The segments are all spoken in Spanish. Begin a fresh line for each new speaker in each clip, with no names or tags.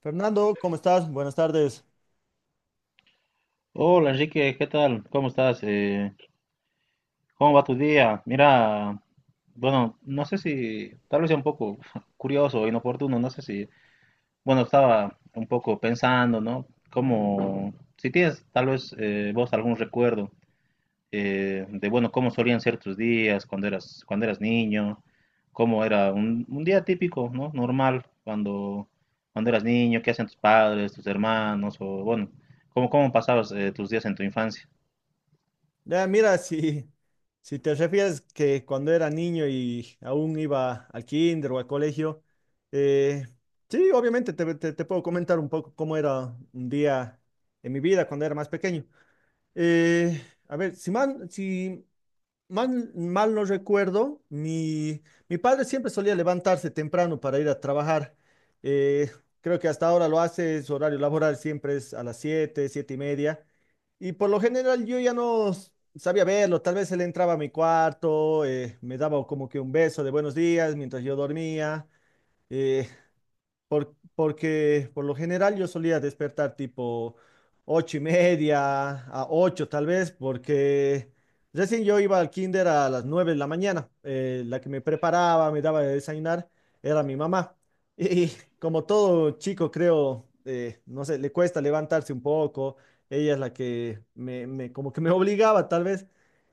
Fernando, ¿cómo estás? Buenas tardes.
Hola Enrique, ¿qué tal? ¿Cómo estás? ¿Cómo va tu día? Mira, bueno, no sé si, tal vez sea un poco curioso o inoportuno, no sé si, bueno, estaba un poco pensando, ¿no? Como, si tienes tal vez vos algún recuerdo de, bueno, cómo solían ser tus días cuando eras niño, cómo era un día típico, ¿no? Normal, cuando eras niño, qué hacían tus padres, tus hermanos, o bueno, cómo pasabas tus días en tu infancia.
Ya, mira, si te refieres que cuando era niño y aún iba al kinder o al colegio, eh, sí, obviamente te puedo comentar un poco cómo era un día en mi vida cuando era más pequeño. Eh, a ver, si mal no recuerdo, mi padre siempre solía levantarse temprano para ir a trabajar. Eh, Creo que hasta ahora lo hace, su horario laboral siempre es a las siete y media. Y por lo general yo ya no sabía verlo, tal vez él entraba a mi cuarto, me daba como que un beso de buenos días mientras yo dormía. eh, Porque por lo general yo solía despertar tipo 8:30 a ocho tal vez, porque recién yo iba al kinder a las 9 de la mañana. La que me preparaba, me daba de desayunar, era mi mamá. Y como todo chico, creo, no sé, le cuesta levantarse un poco. Ella es la que como que me obligaba tal vez.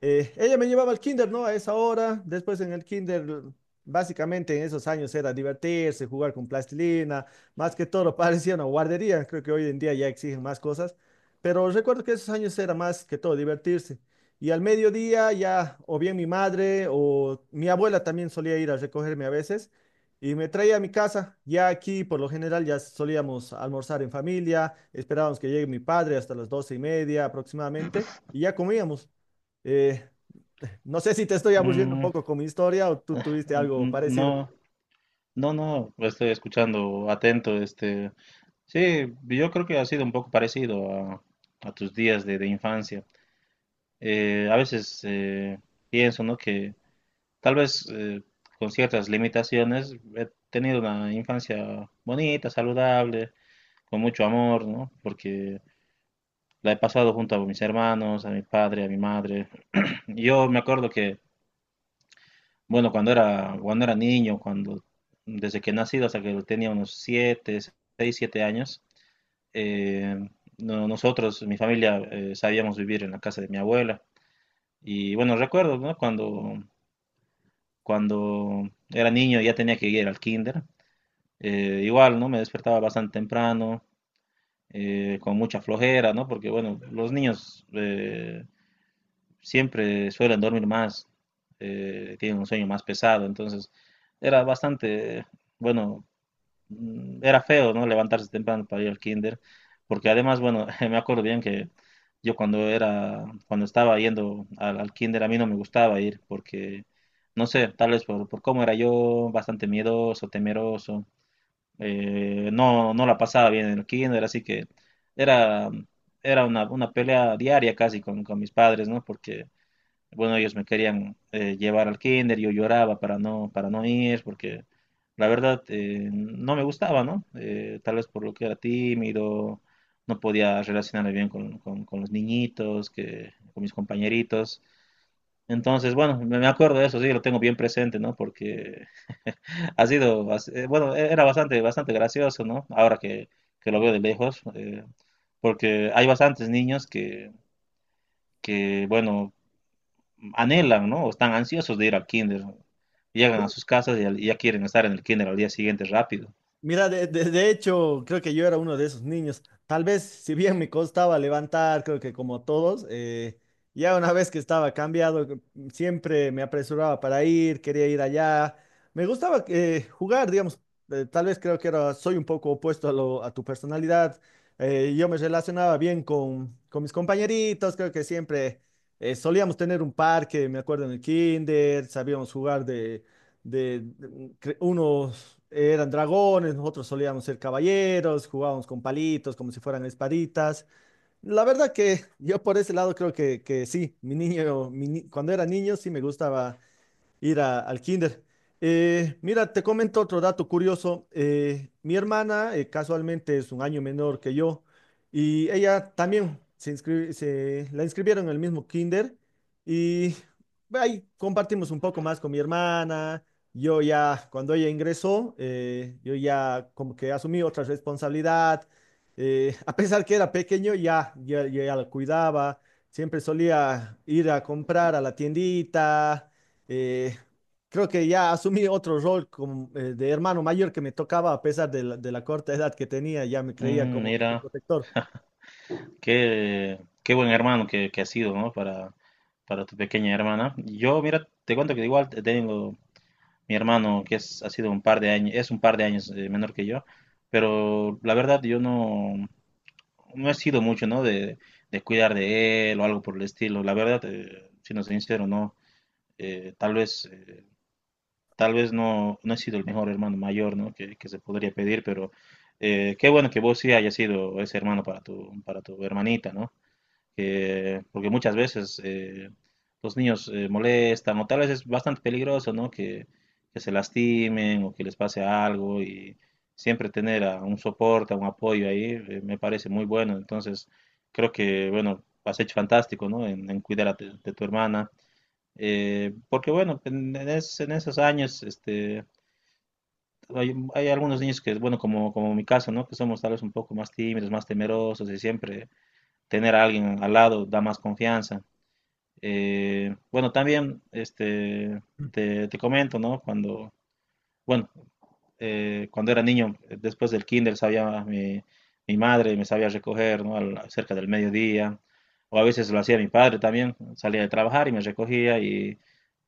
Ella me llevaba al kinder, ¿no? A esa hora. Después en el kinder, básicamente en esos años era divertirse, jugar con plastilina. Más que todo parecía una guardería. Creo que hoy en día ya exigen más cosas. Pero recuerdo que esos años era más que todo divertirse. Y al mediodía ya o bien mi madre o mi abuela también solía ir a recogerme a veces y me traía a mi casa. Ya aquí por lo general ya solíamos almorzar en familia, esperábamos que llegue mi padre hasta las 12:30 aproximadamente y ya comíamos. Eh, no sé si te estoy aburriendo un
Mm,
poco con mi historia o tú
Ah,
tuviste algo parecido.
no, no, no, estoy escuchando atento, este, sí, yo creo que ha sido un poco parecido a tus días de infancia. A veces pienso, ¿no? Que tal vez con ciertas limitaciones he tenido una infancia bonita, saludable, con mucho amor, ¿no? Porque la he pasado junto a mis hermanos, a mi padre, a mi madre. Yo me acuerdo que Bueno, cuando era niño, desde que he nacido hasta que tenía unos 7 6 7 años, eh, nosotros, mi familia, sabíamos vivir en la casa de mi abuela. Y bueno, recuerdo, ¿no? Cuando era niño ya tenía que ir al kinder. Igual, ¿no? Me despertaba bastante temprano, con mucha flojera, ¿no? Porque bueno, los niños siempre suelen dormir más, tienen un sueño más pesado, entonces era bastante, bueno, era feo, ¿no? Levantarse temprano para ir al kinder, porque además, bueno, me acuerdo bien que yo cuando estaba yendo al kinder, a mí no me gustaba ir, porque, no sé, tal vez por, cómo era yo, bastante miedoso, temeroso, no, no la pasaba bien en el kinder, así que era, era una pelea diaria casi con mis padres, ¿no? Porque bueno, ellos me querían llevar al kinder, yo lloraba para no ir, porque la verdad no me gustaba, ¿no? Tal vez por lo que era tímido, no podía relacionarme bien con los niñitos, con mis compañeritos. Entonces, bueno, me acuerdo de eso, sí, lo tengo bien presente, ¿no? Porque ha sido, bueno, era bastante, bastante gracioso, ¿no? Ahora que lo veo de lejos, porque hay bastantes niños que, bueno, anhelan, ¿no? O están ansiosos de ir al kinder. Llegan a sus casas y y ya quieren estar en el kinder al día siguiente rápido.
Mira, de hecho, creo que yo era uno de esos niños. Tal vez, si bien me costaba levantar, creo que como todos, ya una vez que estaba cambiado, siempre me apresuraba para ir, quería ir allá. Me gustaba jugar, digamos. Tal vez creo que era, soy un poco opuesto a tu personalidad. Yo me relacionaba bien con mis compañeritos, creo que siempre solíamos tener un parque, me acuerdo en el kinder, sabíamos jugar unos eran dragones, nosotros solíamos ser caballeros, jugábamos con palitos como si fueran espaditas. La verdad que yo por ese lado creo que sí, mi niño, mi ni- cuando era niño sí me gustaba ir al kinder. Mira, te comento otro dato curioso. Mi hermana casualmente es un año menor que yo y ella también se la inscribieron en el mismo kinder y ahí compartimos un poco más con mi hermana. Yo ya, cuando ella ingresó, yo ya como que asumí otra responsabilidad. A pesar que era pequeño, ya la cuidaba. Siempre solía ir a comprar a la tiendita eh, creo que ya asumí otro rol como, de hermano mayor que me tocaba a pesar de la corta edad que tenía, ya me creía como su
Mira,
protector.
qué buen hermano que has sido, ¿no? Para tu pequeña hermana. Yo, mira, te cuento que igual tengo mi hermano que es, ha sido un par de años, es un par de años menor que yo, pero la verdad yo no he sido mucho, ¿no? De cuidar de él o algo por el estilo. La verdad, siendo sincero, no. Eh, tal vez... eh, Tal vez no he sido el mejor hermano mayor, ¿no? Que se podría pedir, pero qué bueno que vos sí hayas sido ese hermano para tu hermanita, ¿no? Porque muchas veces los niños molestan, o tal vez es bastante peligroso, ¿no? Que se lastimen o que les pase algo, y siempre tener a un soporte, a un apoyo ahí, me parece muy bueno. Entonces, creo que, bueno, has hecho fantástico, ¿no? En cuidar de tu hermana. Porque bueno, en esos años, este, hay algunos niños que, bueno, como mi caso, ¿no? Que somos tal vez un poco más tímidos, más temerosos y siempre tener a alguien al lado da más confianza. Bueno, también, este, te comento, ¿no? Bueno, cuando era niño, después del kinder, sabía mi madre, me sabía recoger, ¿no? Cerca del mediodía, o a veces lo hacía mi padre también, salía de trabajar y me recogía y,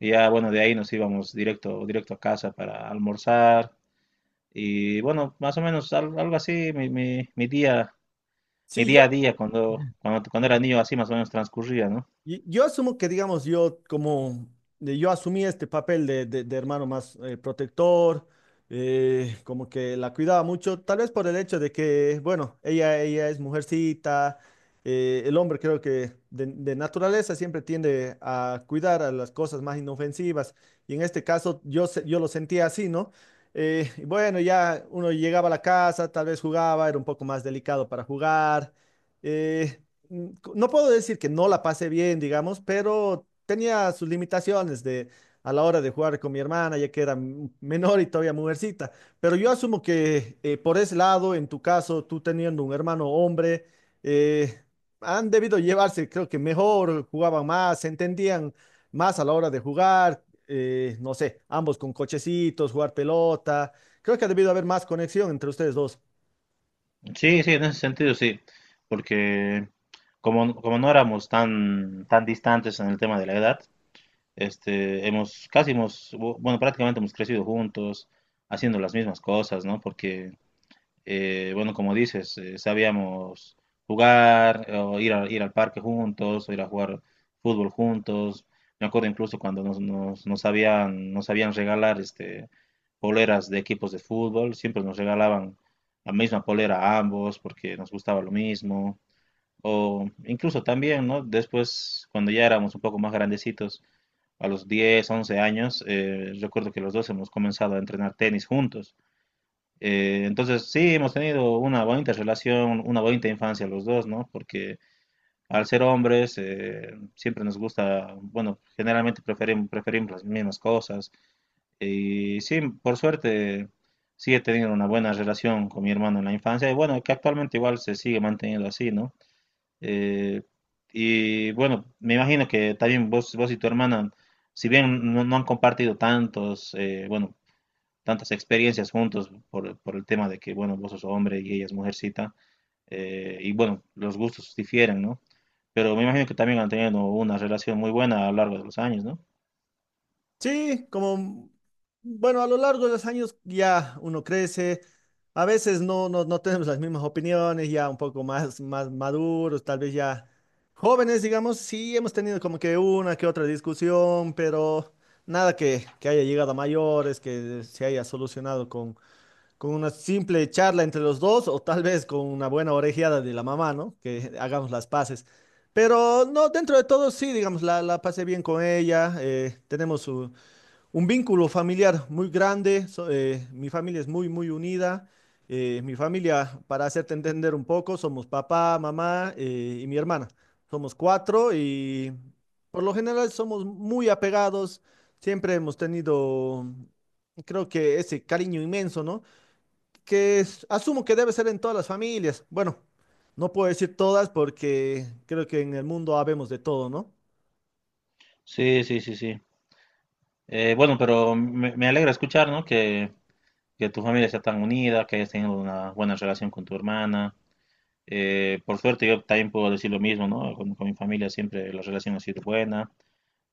y ya, bueno, de ahí nos íbamos directo a casa para almorzar y bueno, más o menos algo así, mi
Sí, yo,
día a día cuando era niño así más o menos transcurría, ¿no?
Y- Yo asumo que, digamos, yo como yo asumí este papel de hermano más protector, como que la cuidaba mucho, tal vez por el hecho de que, bueno, ella es mujercita, el hombre creo que de naturaleza siempre tiende a cuidar a las cosas más inofensivas, y en este caso yo, yo lo sentía así, ¿no? Y bueno, ya uno llegaba a la casa, tal vez jugaba, era un poco más delicado para jugar. eh, mm, no puedo decir que no la pasé bien, digamos, pero tenía sus limitaciones de a la hora de jugar con mi hermana, ya que era menor y todavía mujercita. Pero yo asumo que por ese lado, en tu caso, tú teniendo un hermano hombre, eh, han debido llevarse, creo que mejor, jugaban más, se entendían más a la hora de jugar, no sé, ambos con cochecitos, jugar pelota. Creo que ha debido haber más conexión entre ustedes dos.
Sí, sí, en ese sentido sí, porque como no éramos tan distantes en el tema de la edad. Casi hemos, bueno, prácticamente hemos crecido juntos, haciendo las mismas cosas, ¿no? Porque, bueno, como dices, sabíamos jugar, o ir al parque juntos, o ir a jugar fútbol juntos. Me acuerdo incluso cuando nos habían, nos habían regalar, este, poleras de equipos de fútbol, siempre nos regalaban la misma polera a ambos porque nos gustaba lo mismo. O incluso también, ¿no? Después, cuando ya éramos un poco más grandecitos, a los 10 11 años, recuerdo que los dos hemos comenzado a entrenar tenis juntos. Entonces, sí, hemos tenido una bonita relación, una bonita infancia los dos, ¿no? Porque al ser hombres, siempre nos gusta, bueno, generalmente preferimos las mismas cosas. Y sí, por suerte, sí he tenido una buena relación con mi hermano en la infancia. Y bueno, que actualmente igual se sigue manteniendo así, ¿no? Eh, y bueno, me imagino que también vos y tu hermana, si bien no han compartido bueno, tantas experiencias juntos por el tema de que, bueno, vos sos hombre y ella es mujercita, y bueno, los gustos difieren, ¿no? Pero me imagino que también han tenido una relación muy buena a lo largo de los años, ¿no?
Sí, como, bueno, a lo largo de los años ya uno crece, a veces no tenemos las mismas opiniones, ya un poco más, maduros, tal vez ya jóvenes, digamos, sí hemos tenido como que una que otra discusión, pero nada que haya llegado a mayores, que se haya solucionado con una simple charla entre los dos o tal vez con una buena orejeada de la mamá, ¿no? Que hagamos las paces. Pero no, dentro de todo sí, digamos, la pasé bien con ella, tenemos su un vínculo familiar muy grande. Mi familia es muy, muy unida. Mi familia, para hacerte entender un poco, somos papá, mamá y mi hermana. Somos cuatro y por lo general somos muy apegados. Siempre hemos tenido, creo que ese cariño inmenso, ¿no? Asumo que debe ser en todas las familias. Bueno, no puedo decir todas porque creo que en el mundo habemos de todo, ¿no?
Sí, sí, sí, sí. Bueno, pero me alegra escuchar, ¿no? Que tu familia sea tan unida, que hayas tenido una buena relación con tu hermana. Por suerte yo también puedo decir lo mismo, ¿no? Con mi familia siempre la relación ha sido buena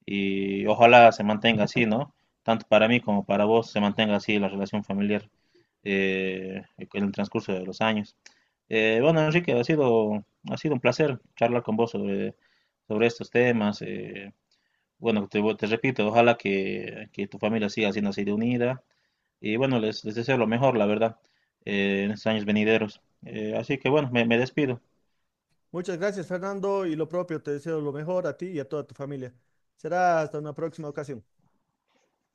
y ojalá se mantenga así, ¿no? Tanto para mí como para vos se mantenga así la relación familiar en el transcurso de los años. Bueno, Enrique, ha sido un placer charlar con vos sobre estos temas. Bueno, te repito, ojalá que tu familia siga siendo así de unida. Y bueno, les deseo lo mejor, la verdad, en estos años venideros. Así que bueno, me despido.
Muchas gracias, Fernando, y lo propio, te deseo lo mejor a ti y a toda tu familia. Será hasta una próxima ocasión.